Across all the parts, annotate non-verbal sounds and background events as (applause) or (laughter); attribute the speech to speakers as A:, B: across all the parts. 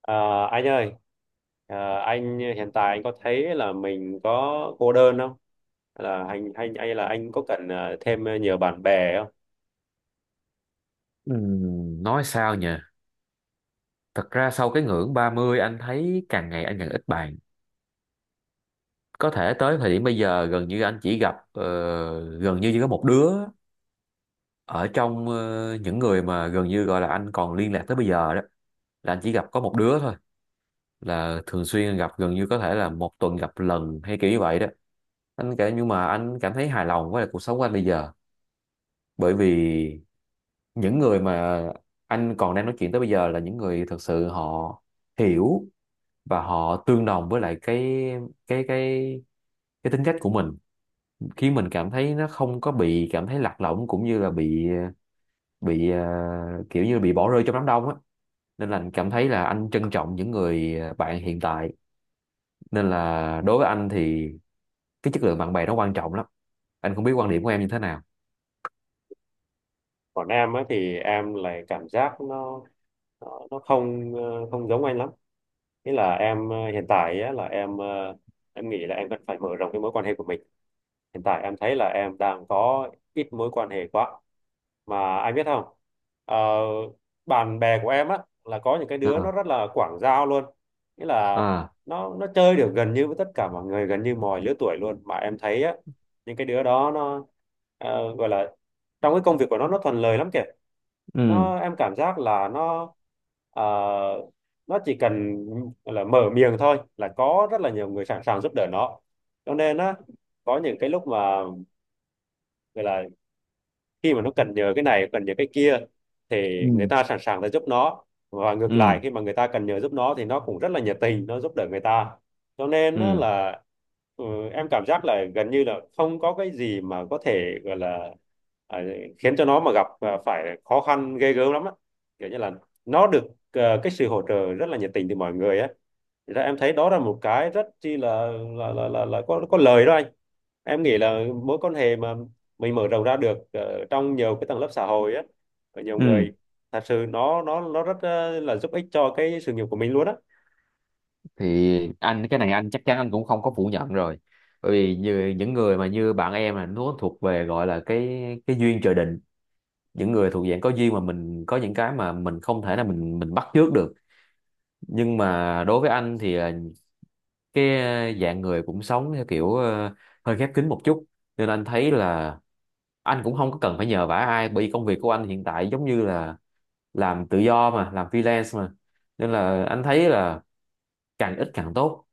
A: Ờ, anh ơi, anh hiện tại anh có thấy là mình có cô đơn không? Là anh hay là anh có cần thêm nhiều bạn bè không?
B: Nói sao nhỉ? Thật ra sau cái ngưỡng 30 anh thấy càng ngày anh càng ít bạn. Có thể tới thời điểm bây giờ gần như anh chỉ gặp gần như chỉ có một đứa ở trong những người mà gần như gọi là anh còn liên lạc tới bây giờ đó là anh chỉ gặp có một đứa thôi, là thường xuyên gặp gần như có thể là một tuần gặp lần hay kiểu như vậy đó. Anh kể nhưng mà anh cảm thấy hài lòng với lại cuộc sống của anh bây giờ, bởi vì những người mà anh còn đang nói chuyện tới bây giờ là những người thật sự họ hiểu và họ tương đồng với lại cái cái cái tính cách của mình, khiến mình cảm thấy nó không có bị cảm thấy lạc lõng cũng như là bị kiểu như bị bỏ rơi trong đám đông á, nên là anh cảm thấy là anh trân trọng những người bạn hiện tại. Nên là đối với anh thì cái chất lượng bạn bè nó quan trọng lắm. Anh không biết quan điểm của em như thế nào.
A: Còn em ấy thì em lại cảm giác nó không không giống anh lắm. Thế là em hiện tại á, là em em nghĩ là em cần phải mở rộng cái mối quan hệ của mình. Hiện tại em thấy là em đang có ít mối quan hệ quá. Mà anh biết không? Ờ, Bạn bè của em á là có những cái đứa nó
B: À,
A: rất là quảng giao luôn. Nghĩa là
B: à.
A: nó chơi được gần như với tất cả mọi người, gần như mọi lứa tuổi luôn. Mà em thấy á những cái đứa đó nó gọi là trong cái công việc của nó thuận lợi lắm kìa.
B: Ừ,
A: Em cảm giác là nó ờ, nó chỉ cần là mở miệng thôi là có rất là nhiều người sẵn sàng giúp đỡ nó, cho nên á có những cái lúc mà gọi là khi mà nó cần nhờ cái này cần nhờ cái kia thì người
B: ừ,
A: ta sẵn sàng để giúp nó, và ngược lại
B: ừ,
A: khi mà người ta cần nhờ giúp nó thì nó cũng rất là nhiệt tình nó giúp đỡ người ta, cho nên nó
B: ừ,
A: là ừ, em cảm giác là gần như là không có cái gì mà có thể gọi là à, khiến cho nó mà gặp à, phải khó khăn ghê gớm lắm á, kiểu như là nó được cái sự hỗ trợ rất là nhiệt tình từ mọi người á. Thì ra em thấy đó là một cái rất chi là là có lời đó anh. Em nghĩ là mối quan hệ mà mình mở rộng ra được trong nhiều cái tầng lớp xã hội á, ở nhiều người
B: ừ.
A: thật sự nó rất là giúp ích cho cái sự nghiệp của mình luôn á.
B: Thì anh cái này anh chắc chắn anh cũng không có phủ nhận rồi, bởi vì như những người mà như bạn em là nó thuộc về gọi là cái duyên trời định. Những người thuộc dạng có duyên mà mình có những cái mà mình không thể là mình bắt chước được. Nhưng mà đối với anh thì là cái dạng người cũng sống theo kiểu hơi khép kín một chút, nên anh thấy là anh cũng không có cần phải nhờ vả ai, bởi vì công việc của anh hiện tại giống như là làm tự do mà, làm freelance mà, nên là anh thấy là càng ít càng tốt.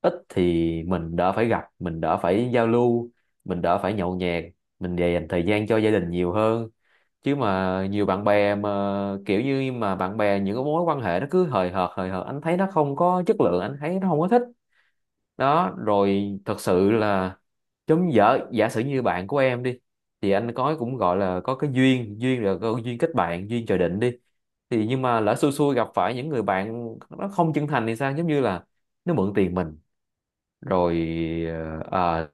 B: Ít thì mình đỡ phải gặp, mình đỡ phải giao lưu, mình đỡ phải nhậu nhẹt, mình dành thời gian cho gia đình nhiều hơn, chứ mà nhiều bạn bè mà kiểu như mà bạn bè những cái mối quan hệ nó cứ hời hợt hời hợt, anh thấy nó không có chất lượng, anh thấy nó không có thích. Đó rồi thật sự là giống giả giả sử như bạn của em đi, thì anh có cũng gọi là có cái duyên, duyên là có duyên kết bạn, duyên trời định đi, thì nhưng mà lỡ xui xui gặp phải những người bạn nó không chân thành thì sao, giống như là nó mượn tiền mình rồi, ờ, à,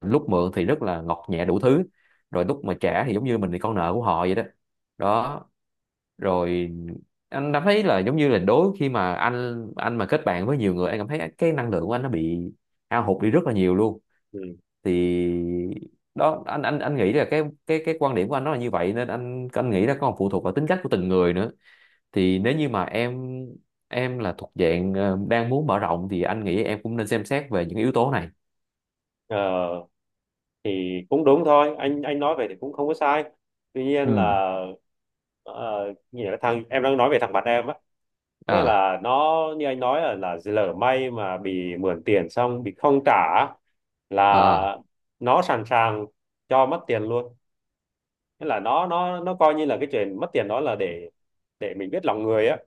B: lúc mượn thì rất là ngọt nhẹ đủ thứ, rồi lúc mà trả thì giống như mình là con nợ của họ vậy đó. Đó rồi anh cảm thấy là giống như là đối khi mà anh mà kết bạn với nhiều người, anh cảm thấy cái năng lượng của anh nó bị hao hụt đi rất là nhiều luôn.
A: Ừ.
B: Thì đó anh nghĩ là cái quan điểm của anh nó là như vậy, nên anh nghĩ là còn phụ thuộc vào tính cách của từng người nữa. Thì nếu như mà em là thuộc dạng đang muốn mở rộng, thì anh nghĩ em cũng nên xem xét về những yếu tố này.
A: Ờ, thì cũng đúng thôi, anh nói về thì cũng không có sai, tuy nhiên
B: Ừ.
A: là ờ, như là thằng em đang nói về thằng bạn em á, nghĩa
B: À.
A: là nó như anh nói là lỡ may mà bị mượn tiền xong bị không trả á,
B: Ờ.
A: là nó sẵn sàng cho mất tiền luôn. Thế là nó coi như là cái chuyện mất tiền đó là để mình biết lòng người á,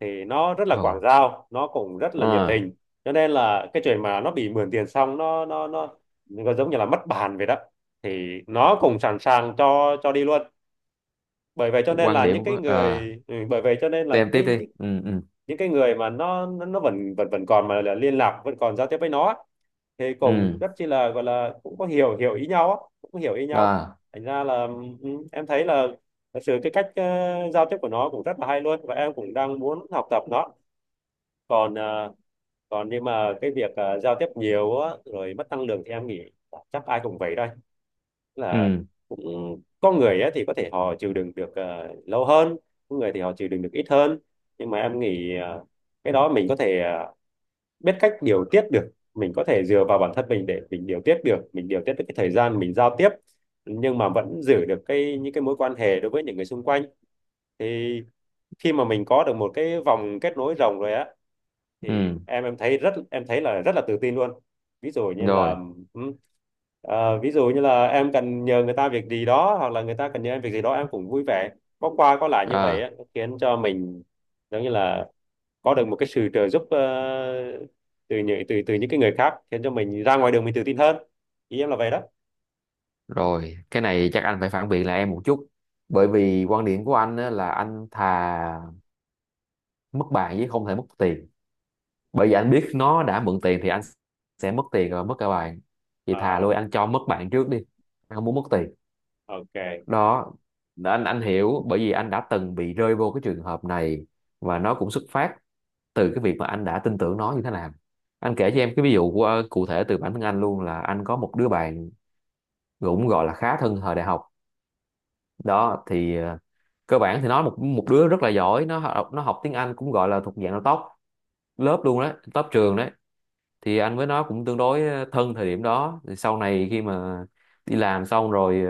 A: thì nó rất là quảng
B: Rồi.
A: giao nó cũng rất là nhiệt
B: À,
A: tình, cho nên là cái chuyện mà nó bị mượn tiền xong nó giống như là mất bàn vậy đó, thì nó cũng sẵn sàng cho đi luôn, bởi vậy cho nên
B: quan
A: là những
B: điểm
A: cái
B: của à,
A: người ừ, bởi vậy cho nên là
B: em tiếp
A: cái
B: đi. Ừ, ừ,
A: những cái người mà nó vẫn vẫn vẫn còn mà là liên lạc vẫn còn giao tiếp với nó á, thì cũng
B: ừ.
A: rất chi là gọi là cũng có hiểu hiểu ý nhau á, cũng có hiểu ý nhau,
B: À.
A: thành ra là ừ, em thấy là thật sự cái cách giao tiếp của nó cũng rất là hay luôn, và em cũng đang muốn học tập nó. Còn còn nhưng mà cái việc giao tiếp nhiều á, rồi mất năng lượng thì em nghĩ chắc ai cũng vậy thôi, là
B: Ừ,
A: cũng có người á, thì có thể họ chịu đựng được lâu hơn, có người thì họ chịu đựng được ít hơn, nhưng mà em nghĩ cái đó mình có thể biết cách điều tiết được, mình có thể dựa vào bản thân mình để mình điều tiết được, mình điều tiết được cái thời gian mình giao tiếp, nhưng mà vẫn giữ được cái những cái mối quan hệ đối với những người xung quanh. Thì khi mà mình có được một cái vòng kết nối rộng rồi á, thì
B: ừ.
A: em thấy rất em thấy là rất là tự tin luôn. Ví dụ như là
B: Rồi.
A: ừm, ví dụ như là em cần nhờ người ta việc gì đó, hoặc là người ta cần nhờ em việc gì đó em cũng vui vẻ, có qua có lại như vậy
B: À.
A: á, khiến cho mình giống như là có được một cái sự trợ giúp từ những từ từ những cái người khác, khiến cho mình ra ngoài đường mình tự tin hơn. Ý em là vậy đó.
B: Rồi. Cái này chắc anh phải phản biện lại em một chút, bởi
A: Ừ.
B: vì quan điểm của anh á, là anh thà mất bài chứ không thể mất tiền, bởi vì anh biết nó đã mượn tiền thì anh sẽ mất tiền rồi mất cả bạn, thì thà lui
A: À,
B: anh cho mất bạn trước đi, anh không muốn mất tiền.
A: ok.
B: Đó anh hiểu, bởi vì anh đã từng bị rơi vô cái trường hợp này, và nó cũng xuất phát từ cái việc mà anh đã tin tưởng nó như thế nào. Anh kể cho em cái ví dụ của cụ thể từ bản thân anh luôn, là anh có một đứa bạn cũng gọi là khá thân thời đại học đó. Thì cơ bản thì nó một một đứa rất là giỏi, nó học tiếng Anh cũng gọi là thuộc dạng là top lớp luôn đấy, top trường đấy. Thì anh với nó cũng tương đối thân thời điểm đó. Thì sau này khi mà đi làm xong rồi,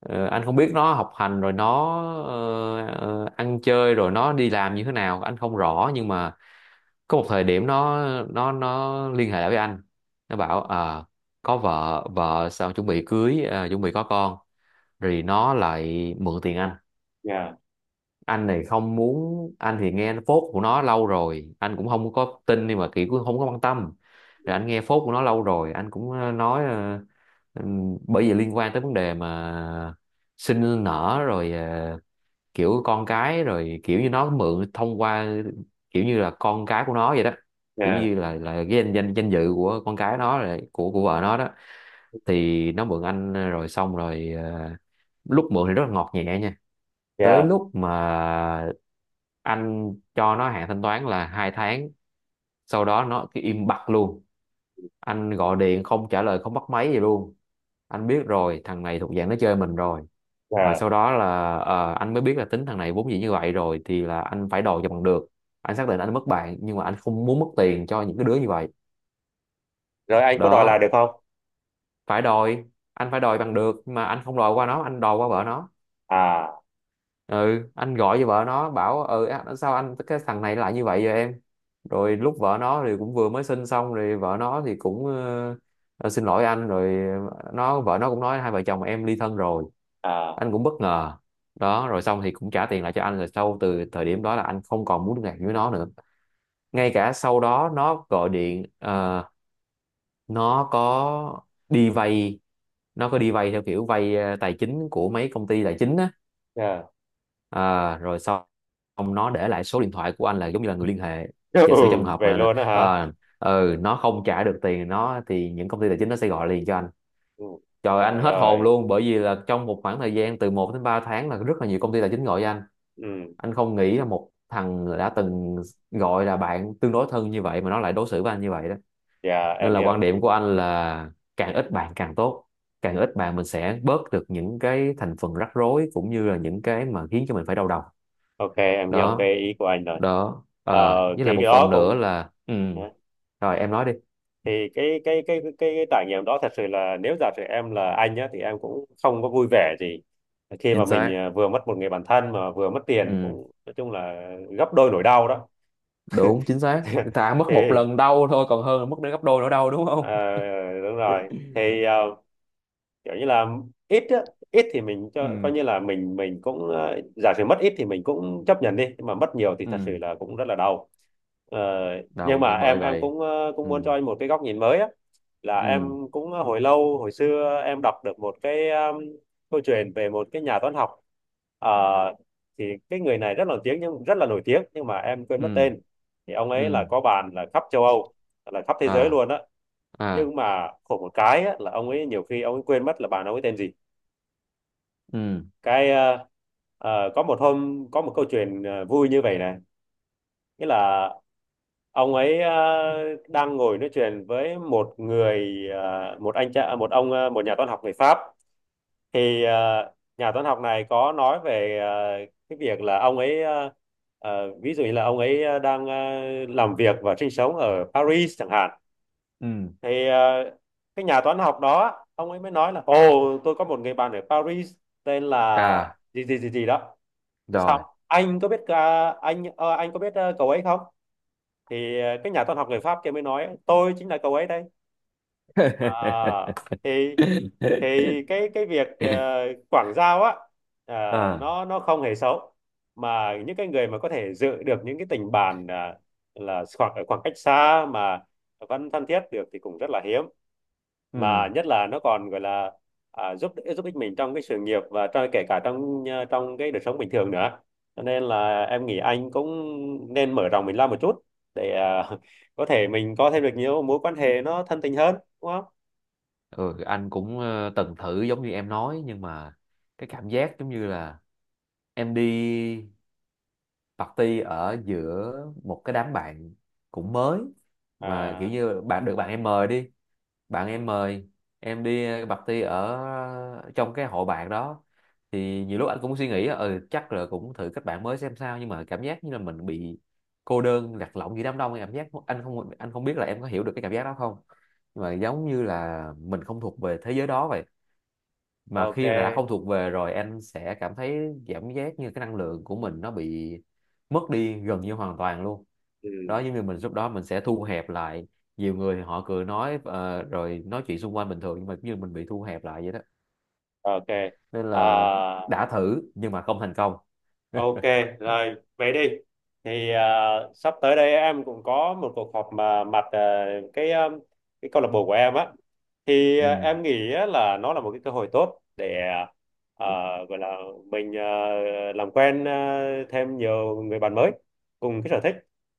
B: anh không biết nó học hành rồi nó ăn chơi rồi nó đi làm như thế nào anh không rõ, nhưng mà có một thời điểm nó nó liên hệ lại với anh. Nó bảo có vợ vợ sao chuẩn bị cưới, chuẩn bị có con", rồi nó lại mượn tiền anh.
A: Yeah.
B: Anh này không muốn, anh thì nghe phốt của nó lâu rồi anh cũng không có tin nhưng mà kiểu cũng không có quan tâm. Rồi anh nghe phốt của nó lâu rồi anh cũng nói, bởi vì liên quan tới vấn đề mà sinh nở rồi kiểu con cái, rồi kiểu như nó mượn thông qua kiểu như là con cái của nó vậy đó, kiểu
A: Yeah.
B: như là cái danh danh danh dự của con cái nó rồi của vợ nó đó. Thì nó mượn anh rồi xong rồi lúc mượn thì rất là ngọt nhẹ nha. Tới
A: Yeah.
B: lúc mà anh cho nó hạn thanh toán là hai tháng, sau đó nó cứ im bặt luôn, anh gọi điện không trả lời không bắt máy gì luôn. Anh biết rồi thằng này thuộc dạng nó chơi mình rồi. Rồi
A: Yeah.
B: sau đó là anh mới biết là tính thằng này vốn dĩ như vậy rồi, thì là anh phải đòi cho bằng được. Anh xác định anh mất bạn nhưng mà anh không muốn mất tiền cho những cái đứa như vậy.
A: Rồi anh có đòi lại
B: Đó
A: được không?
B: phải đòi, anh phải đòi bằng được, nhưng mà anh không đòi qua nó, anh đòi qua vợ nó.
A: À.
B: Ừ anh gọi cho vợ nó bảo "Ừ á, sao anh cái thằng này lại như vậy vậy em". Rồi lúc vợ nó thì cũng vừa mới sinh xong, rồi vợ nó thì cũng "Ờ, xin lỗi anh", rồi nó vợ nó cũng nói hai vợ chồng em ly thân rồi.
A: À.
B: Anh cũng bất ngờ. Đó rồi xong thì cũng trả tiền lại cho anh, rồi sau từ thời điểm đó là anh không còn muốn liên lạc với nó nữa. Ngay cả sau đó nó gọi điện, nó có đi vay, theo kiểu vay tài chính của mấy công ty tài chính á.
A: Yeah.
B: À, rồi xong xong nó để lại số điện thoại của anh là giống như là người liên hệ,
A: (laughs)
B: giả sử
A: Ừ,
B: trong hợp
A: vậy
B: mà,
A: luôn đó hả?
B: ừ, nó không trả được tiền nó thì những công ty tài chính nó sẽ gọi liền cho anh.
A: Ừ.
B: Trời anh
A: Trời
B: hết hồn
A: ơi,
B: luôn, bởi vì là trong một khoảng thời gian từ một đến 3 tháng là rất là nhiều công ty tài chính gọi cho anh
A: ừ,
B: anh không nghĩ là một thằng đã từng gọi là bạn tương đối thân như vậy mà nó lại đối xử với anh như vậy đó.
A: dạ
B: Nên
A: em
B: là quan
A: hiểu,
B: điểm của anh là càng ít bạn càng tốt, càng ít bạn mình sẽ bớt được những cái thành phần rắc rối cũng như là những cái mà khiến cho mình phải đau đầu.
A: ok em hiểu
B: Đó.
A: cái ý của anh rồi.
B: Đó
A: Ờ,
B: à, với lại
A: thì cái
B: một
A: đó
B: phần nữa
A: cũng,
B: là ừ. Rồi em nói đi.
A: thì cái trải nghiệm đó thật sự là nếu giả sử em là anh nhá thì em cũng không có vui vẻ gì khi mà
B: Chính
A: mình
B: xác.
A: à, vừa mất một người bạn thân mà vừa mất tiền,
B: Ừ.
A: cũng nói chung là gấp đôi nỗi đau đó.
B: Đúng chính xác ta
A: (laughs)
B: mất
A: Thì
B: một lần đau thôi còn hơn là mất đến gấp đôi nữa đau đúng
A: ờ,
B: không?
A: đúng rồi, thì kiểu như là ít á, ít thì mình
B: (laughs)
A: cho coi
B: Ừ.
A: như là mình cũng ờ, giả sử mất ít thì mình cũng chấp nhận đi, nhưng mà mất nhiều thì thật sự
B: Ừ.
A: là cũng rất là đau. Ờ, nhưng
B: Đau
A: mà
B: chứ
A: em
B: bởi
A: em
B: vậy.
A: cũng cũng
B: Ừ.
A: muốn cho anh một cái góc nhìn mới á, là em
B: Ừ.
A: cũng hồi xưa em đọc được một cái câu chuyện về một cái nhà toán học. Ờ, thì cái người này rất là nổi tiếng, nhưng rất là nổi tiếng nhưng mà em quên mất
B: Ừ.
A: tên. Thì ông ấy là
B: Ừ.
A: có bạn là khắp châu Âu, là khắp thế giới
B: À,
A: luôn á,
B: à.
A: nhưng mà khổ một cái á, là ông ấy nhiều khi ông ấy quên mất là bạn ông ấy tên gì.
B: Ừ.
A: Cái có một hôm có một câu chuyện vui như vậy này, nghĩa là ông ấy đang ngồi nói chuyện với một người một anh cha một ông một nhà toán học người Pháp. Thì nhà toán học này có nói về cái việc là ông ấy ví dụ như là ông ấy đang làm việc và sinh sống ở Paris chẳng hạn.
B: Ừ.
A: Thì cái nhà toán học đó ông ấy mới nói là, "Ồ, tôi có một người bạn ở Paris tên là
B: À,
A: gì gì gì gì đó." Cái xong,
B: rồi.
A: "Anh có biết anh anh có biết cậu ấy không?" Thì cái nhà toán học người Pháp kia mới nói, "Tôi chính là cậu ấy đây."
B: (laughs)
A: À, thì thì cái việc quảng giao á, ờ,
B: À.
A: nó không hề xấu, mà những cái người mà có thể dự được những cái tình bạn là ở khoảng cách xa mà vẫn thân thiết được thì cũng rất là hiếm, mà
B: Ừ.
A: nhất là nó còn gọi là giúp giúp ích mình trong cái sự nghiệp và trong kể cả trong à, trong cái đời sống bình thường nữa. Cho nên là em nghĩ anh cũng nên mở rộng mình ra một chút để à, (laughs) có thể mình có thêm được nhiều mối quan hệ nó thân tình hơn, đúng không?
B: Ừ anh cũng từng thử giống như em nói, nhưng mà cái cảm giác giống như là em đi party ở giữa một cái đám bạn cũng mới, mà kiểu
A: À,
B: như bạn được bạn em mời đi, bạn em mời em đi party ở trong cái hội bạn đó, thì nhiều lúc anh cũng suy nghĩ ừ chắc là cũng thử kết bạn mới xem sao, nhưng mà cảm giác như là mình bị cô đơn lạc lõng giữa đám đông. Cảm giác anh không biết là em có hiểu được cái cảm giác đó không, nhưng mà giống như là mình không thuộc về thế giới đó vậy, mà
A: ok.
B: khi mà đã không thuộc về rồi anh sẽ cảm thấy cảm giác như cái năng lượng của mình nó bị mất đi gần như hoàn toàn luôn. Đó
A: Ừ.
B: giống như mình lúc đó mình sẽ thu hẹp lại, nhiều người thì họ cười nói rồi nói chuyện xung quanh bình thường, nhưng mà giống như mình bị thu hẹp lại vậy đó.
A: Ok.
B: Nên
A: À,
B: là đã thử nhưng mà không thành công.
A: ok, rồi vậy đi. Thì à, sắp tới đây em cũng có một cuộc họp mà mặt à, cái câu lạc bộ của em á. Thì à,
B: Ừ.
A: em nghĩ á là nó là một cái cơ hội tốt để à, gọi là mình à, làm quen à, thêm nhiều người bạn mới cùng cái sở thích.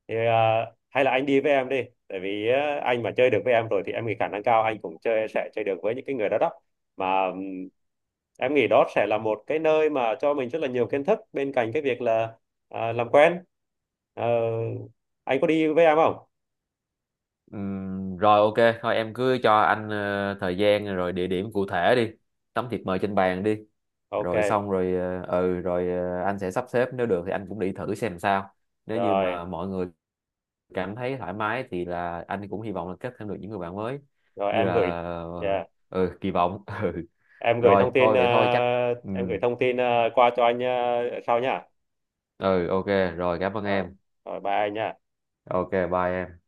A: Thì à, hay là anh đi với em đi, tại vì à, anh mà chơi được với em rồi thì em nghĩ khả năng cao anh cũng chơi sẽ chơi được với những cái người đó đó, mà em nghĩ đó sẽ là một cái nơi mà cho mình rất là nhiều kiến thức bên cạnh cái việc là à, làm quen. Ờ, anh có đi với em không?
B: Rồi ok, thôi em cứ cho anh thời gian rồi địa điểm cụ thể đi, tấm thiệp mời trên bàn đi,
A: Ok.
B: rồi xong rồi, ừ rồi anh sẽ sắp xếp nếu được thì anh cũng đi thử xem sao. Nếu như
A: Rồi.
B: mà mọi người cảm thấy thoải mái thì là anh cũng hy vọng là kết thêm được những người bạn mới
A: Rồi
B: như
A: em
B: là
A: gửi
B: ờ,
A: yeah.
B: ừ kỳ vọng. (laughs) Ừ.
A: em gửi
B: Rồi
A: thông tin
B: thôi
A: ờ,
B: vậy thôi chắc. Ừ.
A: Em gửi thông tin qua cho anh sau nha.
B: Ừ ok, rồi cảm ơn
A: Ờ,
B: em.
A: Rồi bye anh nha.
B: Ok bye em.